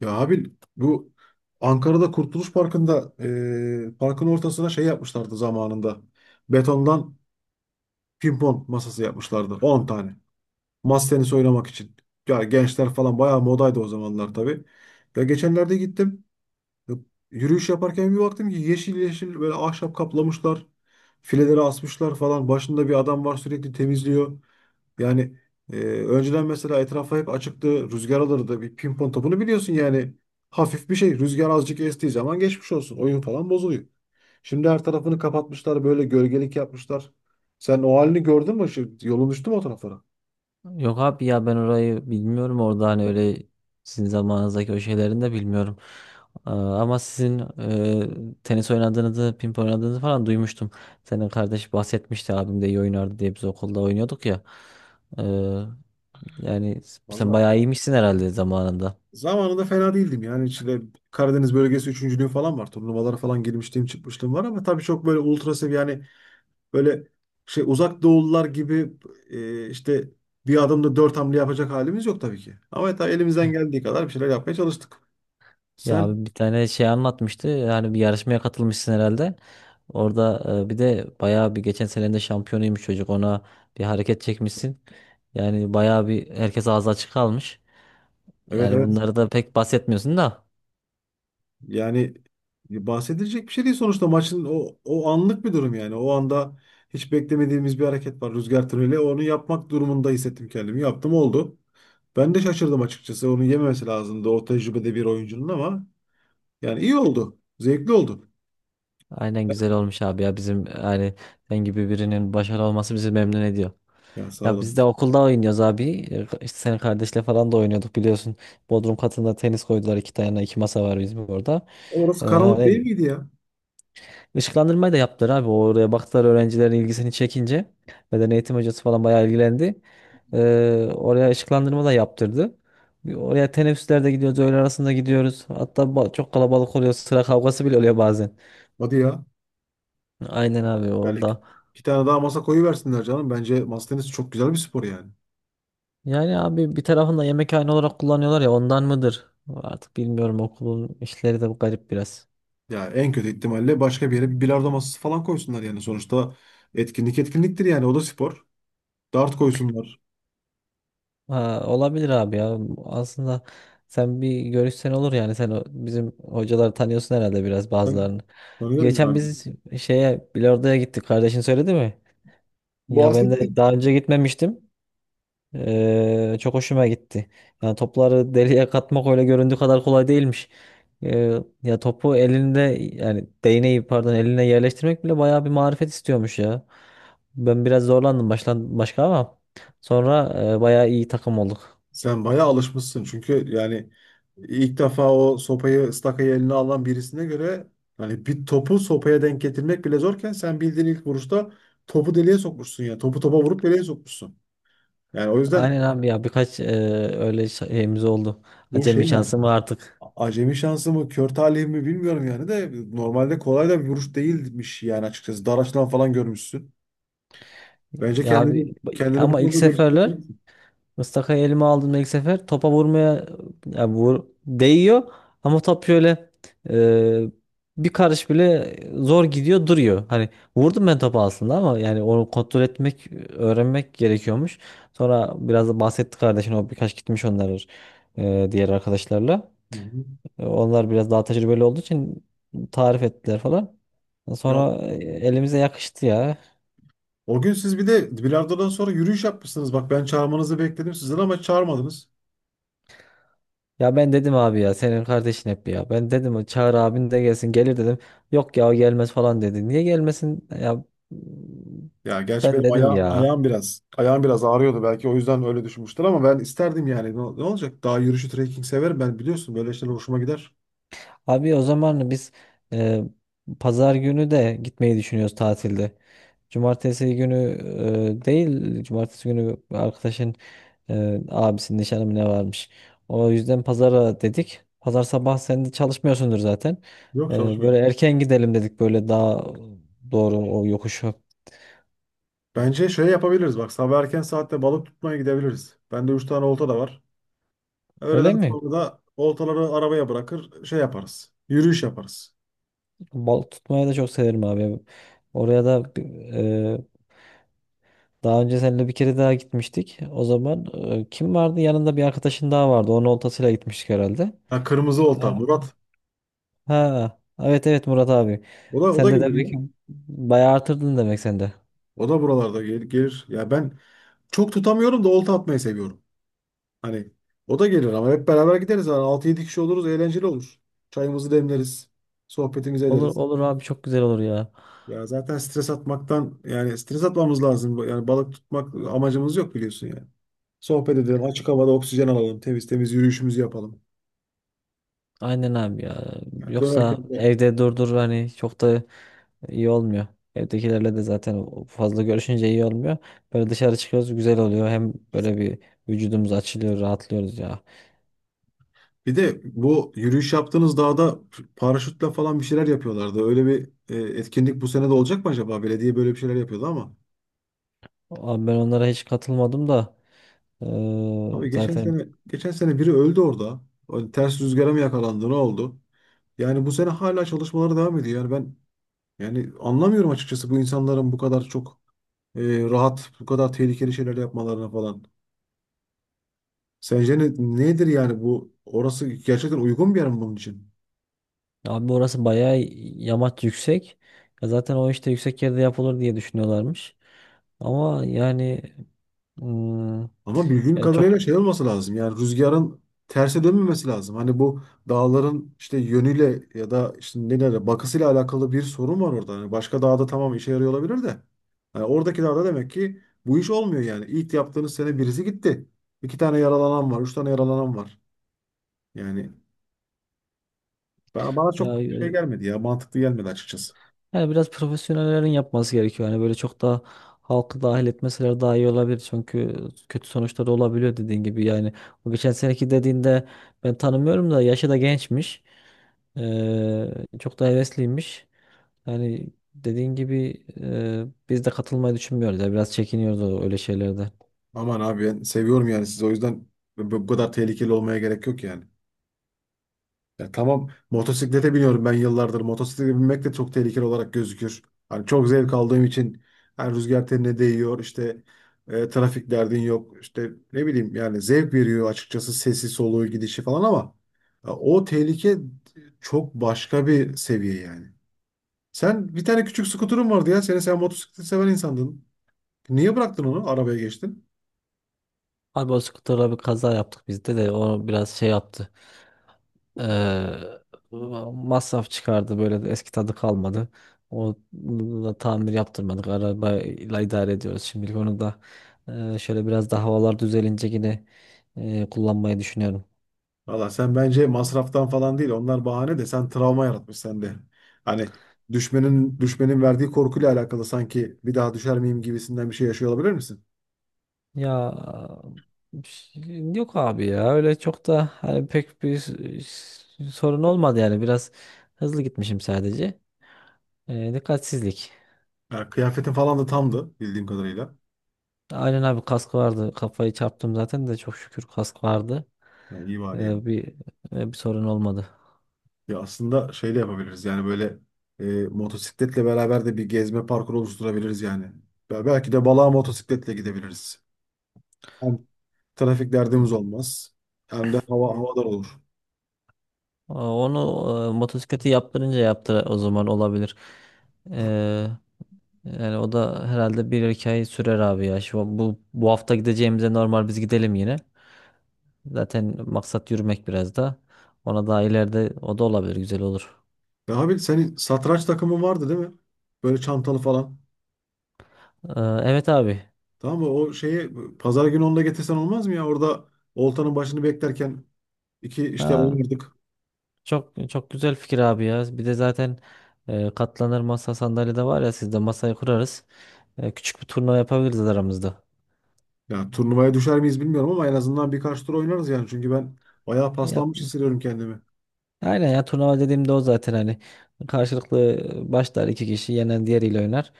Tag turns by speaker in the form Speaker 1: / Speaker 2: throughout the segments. Speaker 1: Ya abi bu Ankara'da Kurtuluş Parkı'nda parkın ortasına şey yapmışlardı zamanında. Betondan pimpon masası yapmışlardı. 10 tane. Masa tenisi oynamak için. Ya gençler falan bayağı modaydı o zamanlar tabii. Ya geçenlerde gittim. Yürüyüş yaparken bir baktım ki yeşil yeşil böyle ahşap kaplamışlar. Fileleri asmışlar falan. Başında bir adam var, sürekli temizliyor. Yani önceden mesela etrafa hep açıktı. Rüzgar alırdı. Bir pimpon topunu biliyorsun yani. Hafif bir şey. Rüzgar azıcık estiği zaman geçmiş olsun. Oyun falan bozuluyor. Şimdi her tarafını kapatmışlar. Böyle gölgelik yapmışlar. Sen o halini gördün mü? Şu, yolun düştü mü o taraflara?
Speaker 2: Yok abi ya ben orayı bilmiyorum. Orada hani öyle sizin zamanınızdaki o şeylerini de bilmiyorum. Aa, ama sizin tenis oynadığınızı, ping pong oynadığınızı falan duymuştum. Senin kardeş bahsetmişti, abim de iyi oynardı diye biz okulda oynuyorduk ya. Ee, Yani sen
Speaker 1: Valla
Speaker 2: bayağı iyiymişsin herhalde zamanında.
Speaker 1: zamanında fena değildim yani, içinde Karadeniz bölgesi üçüncülüğü falan var. Turnuvalara falan girmişliğim çıkmışlığım var, ama tabii çok böyle ultra seviye yani, böyle şey, uzak doğullar gibi, işte bir adımda dört hamle yapacak halimiz yok tabii ki. Ama tabii elimizden geldiği kadar bir şeyler yapmaya çalıştık.
Speaker 2: Ya
Speaker 1: Sen
Speaker 2: abi, bir tane şey anlatmıştı. Yani bir yarışmaya katılmışsın herhalde. Orada bir de bayağı bir geçen sene de şampiyonuymuş çocuk. Ona bir hareket çekmişsin. Yani bayağı bir herkes ağzı açık kalmış.
Speaker 1: evet,
Speaker 2: Yani
Speaker 1: evet.
Speaker 2: bunları da pek bahsetmiyorsun da.
Speaker 1: Yani bahsedilecek bir şey değil sonuçta, maçın o anlık bir durum yani. O anda hiç beklemediğimiz bir hareket var, rüzgar tüneli. Onu yapmak durumunda hissettim kendimi. Yaptım, oldu. Ben de şaşırdım açıkçası. Onu yememesi lazımdı o tecrübede bir oyuncunun, ama yani iyi oldu. Zevkli oldu.
Speaker 2: Aynen, güzel olmuş abi ya, bizim yani sen gibi birinin başarılı olması bizi memnun ediyor.
Speaker 1: Ya sağ
Speaker 2: Ya biz de
Speaker 1: olun.
Speaker 2: okulda oynuyoruz abi. İşte senin kardeşle falan da oynuyorduk biliyorsun. Bodrum katında tenis koydular, iki tane iki masa var bizim orada.
Speaker 1: Orası
Speaker 2: E,
Speaker 1: karanlık değil
Speaker 2: hani
Speaker 1: miydi ya?
Speaker 2: Işıklandırmayı da yaptılar abi. Oraya baktılar öğrencilerin ilgisini çekince. Beden eğitim hocası falan bayağı ilgilendi. Oraya ışıklandırma da yaptırdı. Oraya teneffüslerde gidiyoruz, öğle arasında gidiyoruz. Hatta çok kalabalık oluyor, sıra kavgası bile oluyor bazen.
Speaker 1: Hadi ya.
Speaker 2: Aynen abi,
Speaker 1: Yani iki,
Speaker 2: orada.
Speaker 1: iki tane daha masa koyuversinler canım. Bence masa tenisi çok güzel bir spor yani.
Speaker 2: Yani abi, bir tarafında yemekhane olarak kullanıyorlar ya, ondan mıdır? Artık bilmiyorum, okulun işleri de garip biraz.
Speaker 1: Ya en kötü ihtimalle başka bir yere bir bilardo masası falan koysunlar yani. Sonuçta etkinlik etkinliktir yani. O da spor. Dart koysunlar.
Speaker 2: Ha, olabilir abi ya. Aslında sen bir görüşsen olur yani. Sen bizim hocaları tanıyorsun herhalde biraz,
Speaker 1: Ben
Speaker 2: bazılarını.
Speaker 1: tanıyorum
Speaker 2: Geçen
Speaker 1: yani.
Speaker 2: biz şeye, bilardoya gittik. Kardeşin söyledi mi? Ya ben
Speaker 1: Bahsetti.
Speaker 2: de daha önce gitmemiştim. Çok hoşuma gitti. Yani topları deliğe katmak öyle göründüğü kadar kolay değilmiş. Ya topu elinde, yani değneği pardon, eline yerleştirmek bile bayağı bir marifet istiyormuş ya. Ben biraz zorlandım başka, ama sonra bayağı iyi takım olduk.
Speaker 1: Sen bayağı alışmışsın. Çünkü yani ilk defa o sopayı, stakayı eline alan birisine göre, hani bir topu sopaya denk getirmek bile zorken sen bildiğin ilk vuruşta topu deliğe sokmuşsun ya. Topu topa vurup deliğe sokmuşsun. Yani o yüzden
Speaker 2: Aynen abi ya, birkaç öyle şeyimiz oldu.
Speaker 1: bu şey
Speaker 2: Acemi
Speaker 1: mi acaba?
Speaker 2: şansım var artık.
Speaker 1: Acemi şansı mı, kör talih mi bilmiyorum yani, de normalde kolay da bir vuruş değilmiş yani açıkçası. Dar açıdan falan görmüşsün. Bence
Speaker 2: Ya abi,
Speaker 1: kendini bu
Speaker 2: ama ilk
Speaker 1: konuda
Speaker 2: seferler
Speaker 1: geliştirebilirsin.
Speaker 2: Mıstaka'yı elime aldığımda ilk sefer topa vurmaya, ya vur, değiyor ama top şöyle e, bir karış bile zor gidiyor, duruyor. Hani vurdum ben topu aslında, ama yani onu kontrol etmek, öğrenmek gerekiyormuş. Sonra biraz da bahsetti kardeşin, o birkaç gitmiş onlar diğer arkadaşlarla.
Speaker 1: Hı hı.
Speaker 2: Onlar biraz daha tecrübeli olduğu için tarif ettiler falan.
Speaker 1: Ya,
Speaker 2: Sonra elimize yakıştı ya.
Speaker 1: O gün siz bir de bilardodan sonra yürüyüş yapmışsınız. Bak ben çağırmanızı bekledim sizden, ama çağırmadınız.
Speaker 2: Ya ben dedim abi ya, senin kardeşin hep ya. Ben dedim çağır abin de gelsin, gelir dedim. Yok ya, o gelmez falan dedi. Niye gelmesin? Ya
Speaker 1: Ya gerçi
Speaker 2: ben
Speaker 1: benim
Speaker 2: dedim ya.
Speaker 1: ayağım biraz ağrıyordu, belki o yüzden öyle düşünmüştür ama ben isterdim yani. Ne olacak? Daha yürüyüşü, trekking severim ben, biliyorsun böyle şeyler hoşuma gider.
Speaker 2: Abi o zaman biz e, pazar günü de gitmeyi düşünüyoruz tatilde. Cumartesi günü değil, cumartesi günü arkadaşın abisinin nişanı mı ne varmış. O yüzden pazara dedik. Pazar sabah sen de çalışmıyorsundur zaten.
Speaker 1: Yok,
Speaker 2: Böyle
Speaker 1: çalışmıyorum.
Speaker 2: erken gidelim dedik, böyle daha doğru o yokuşu.
Speaker 1: Bence şöyle yapabiliriz bak, sabah erken saatte balık tutmaya gidebiliriz. Bende 3 tane olta da var.
Speaker 2: Öyle
Speaker 1: Öğleden
Speaker 2: mi?
Speaker 1: sonra da oltaları arabaya bırakır, şey yaparız. Yürüyüş yaparız.
Speaker 2: Balık tutmayı da çok severim abi. Oraya da daha önce seninle bir kere daha gitmiştik. O zaman kim vardı? Yanında bir arkadaşın daha vardı. Onun oltasıyla gitmiştik herhalde.
Speaker 1: Ha, kırmızı olta
Speaker 2: Ha,
Speaker 1: Murat.
Speaker 2: ha, evet, evet, Murat abi.
Speaker 1: O da
Speaker 2: Sen de
Speaker 1: gelir
Speaker 2: demek
Speaker 1: ya.
Speaker 2: ki bayağı artırdın demek sen de.
Speaker 1: O da buralarda gelir, gelir. Ya ben çok tutamıyorum da, olta atmayı seviyorum. Hani o da gelir, ama hep beraber gideriz. Yani altı yedi kişi oluruz, eğlenceli olur. Çayımızı demleriz. Sohbetimizi
Speaker 2: Olur
Speaker 1: ederiz.
Speaker 2: olur abi, çok güzel olur ya.
Speaker 1: Ya zaten stres atmaktan, yani stres atmamız lazım. Yani balık tutmak amacımız yok, biliyorsun yani. Sohbet edelim, açık havada oksijen alalım, temiz temiz yürüyüşümüzü yapalım.
Speaker 2: Aynen abi ya.
Speaker 1: Yani
Speaker 2: Yoksa
Speaker 1: dönerken de,
Speaker 2: evde durdur, hani çok da iyi olmuyor. Evdekilerle de zaten fazla görüşünce iyi olmuyor. Böyle dışarı çıkıyoruz, güzel oluyor. Hem böyle bir vücudumuz açılıyor, rahatlıyoruz ya.
Speaker 1: bir de bu yürüyüş yaptığınız dağda paraşütle falan bir şeyler yapıyorlardı. Öyle bir etkinlik bu sene de olacak mı acaba? Belediye böyle bir şeyler yapıyordu ama.
Speaker 2: Abi ben onlara hiç katılmadım da
Speaker 1: Abi
Speaker 2: zaten.
Speaker 1: geçen sene biri öldü orada. O ters rüzgara mı yakalandı, ne oldu? Yani bu sene hala çalışmaları devam ediyor. Yani ben yani anlamıyorum açıkçası, bu insanların bu kadar çok e, rahat, bu kadar tehlikeli şeyler yapmalarına falan. Sence nedir yani bu? Orası gerçekten uygun bir yer mi bunun için?
Speaker 2: Abi orası bayağı yamaç yüksek. Ya zaten o işte yüksek yerde yapılır diye düşünüyorlarmış. Ama yani, Hmm,
Speaker 1: Ama bildiğim
Speaker 2: yani çok
Speaker 1: kadarıyla şey olması lazım. Yani rüzgarın terse dönmemesi lazım. Hani bu dağların işte yönüyle, ya da işte nelerle bakısıyla alakalı bir sorun var orada. Hani başka dağda tamam işe yarıyor olabilir de. Yani oradaki dağda demek ki bu iş olmuyor yani. İlk yaptığınız sene birisi gitti. İki tane yaralanan var, üç tane yaralanan var. Yani bana
Speaker 2: ya,
Speaker 1: çok şey gelmedi ya, mantıklı gelmedi açıkçası.
Speaker 2: yani biraz profesyonellerin yapması gerekiyor. Yani böyle çok da halkı dahil etmeseler daha iyi olabilir. Çünkü kötü sonuçları olabiliyor, dediğin gibi. Yani o geçen seneki dediğinde, ben tanımıyorum da yaşı da gençmiş. Ee, Çok da hevesliymiş. Yani dediğin gibi biz de katılmayı düşünmüyoruz. Ya biraz çekiniyoruz öyle şeylerde.
Speaker 1: Aman abi, ben seviyorum yani sizi, o yüzden bu kadar tehlikeli olmaya gerek yok yani. Ya tamam, motosiklete biniyorum ben yıllardır. Motosiklete binmek de çok tehlikeli olarak gözükür. Hani çok zevk aldığım için yani, rüzgar tenine değiyor işte, trafik derdin yok, işte ne bileyim yani, zevk veriyor açıkçası, sesi soluğu gidişi falan, ama o tehlike çok başka bir seviye yani. Sen bir tane küçük skuterun vardı ya senin, sen motosikleti seven insandın. Niye bıraktın onu, arabaya geçtin?
Speaker 2: Abi o skuterla bir kaza yaptık, bizde de o biraz şey yaptı. Ee, Masraf çıkardı, böyle de eski tadı kalmadı. O da tamir yaptırmadık. Arabayla idare ediyoruz şimdilik, onu da. Şöyle biraz daha havalar düzelince yine kullanmayı düşünüyorum.
Speaker 1: Valla sen bence masraftan falan değil. Onlar bahane, de sen travma yaratmış sende. Hani düşmenin verdiği korkuyla alakalı, sanki bir daha düşer miyim gibisinden bir şey yaşıyor olabilir misin?
Speaker 2: Ya yok abi ya, öyle çok da hani pek bir sorun olmadı, yani biraz hızlı gitmişim sadece. Dikkatsizlik.
Speaker 1: Ya, kıyafetin falan da tamdı bildiğim kadarıyla.
Speaker 2: Aynen abi, kask vardı, kafayı çarptım zaten de, çok şükür kask vardı.
Speaker 1: Yani iyi bari yani.
Speaker 2: Ee, bir bir sorun olmadı.
Speaker 1: Ya aslında şey de yapabiliriz yani, böyle e, motosikletle beraber de bir gezme parkuru oluşturabiliriz yani. Belki de balığa motosikletle gidebiliriz. Hem trafik derdimiz olmaz, hem de hava
Speaker 2: Evet.
Speaker 1: havadar olur.
Speaker 2: Aa, onu motosikleti yaptırınca, yaptı o zaman olabilir. Ee, Yani o da herhalde bir iki ay sürer abi ya. Şu, bu bu hafta gideceğimize normal biz gidelim yine. Zaten maksat yürümek biraz da. Ona daha ileride o da olabilir, güzel olur.
Speaker 1: Ya abi, senin satranç takımın vardı değil mi? Böyle çantalı falan.
Speaker 2: Evet abi.
Speaker 1: Tamam mı? O şeyi pazar günü onu da getirsen olmaz mı ya? Orada oltanın başını beklerken iki işte
Speaker 2: Ha,
Speaker 1: oynardık.
Speaker 2: çok çok güzel fikir abi ya. Bir de zaten katlanır masa sandalye de var ya sizde, masayı kurarız. Küçük bir turnuva yapabiliriz aramızda.
Speaker 1: Ya turnuvaya düşer miyiz bilmiyorum, ama en azından birkaç tur oynarız yani. Çünkü ben bayağı
Speaker 2: Ya,
Speaker 1: paslanmış hissediyorum kendimi.
Speaker 2: aynen ya, turnuva dediğimde o zaten hani karşılıklı başlar, iki kişi, yenen diğeriyle oynar.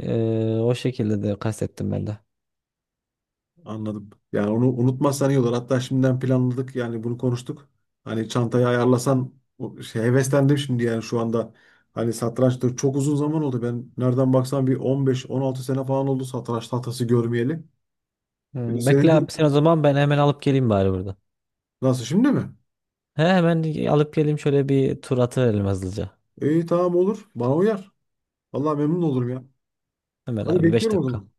Speaker 2: O şekilde de kastettim ben de.
Speaker 1: Anladım. Yani onu unutmazsan iyi olur. Hatta şimdiden planladık yani, bunu konuştuk. Hani çantayı ayarlasan o şey, heveslendim şimdi yani şu anda. Hani satrançta çok uzun zaman oldu. Ben nereden baksan bir 15-16 sene falan oldu satranç tahtası görmeyeli. Bir de
Speaker 2: Bekle
Speaker 1: senin
Speaker 2: abi sen o zaman, ben hemen alıp geleyim bari burada.
Speaker 1: nasıl, şimdi mi?
Speaker 2: He, hemen alıp geleyim, şöyle bir tur atıverelim hızlıca.
Speaker 1: İyi, tamam, olur. Bana uyar. Vallahi memnun olurum ya.
Speaker 2: Hemen
Speaker 1: Hadi,
Speaker 2: abi, 5
Speaker 1: bekliyorum o
Speaker 2: dakika.
Speaker 1: zaman.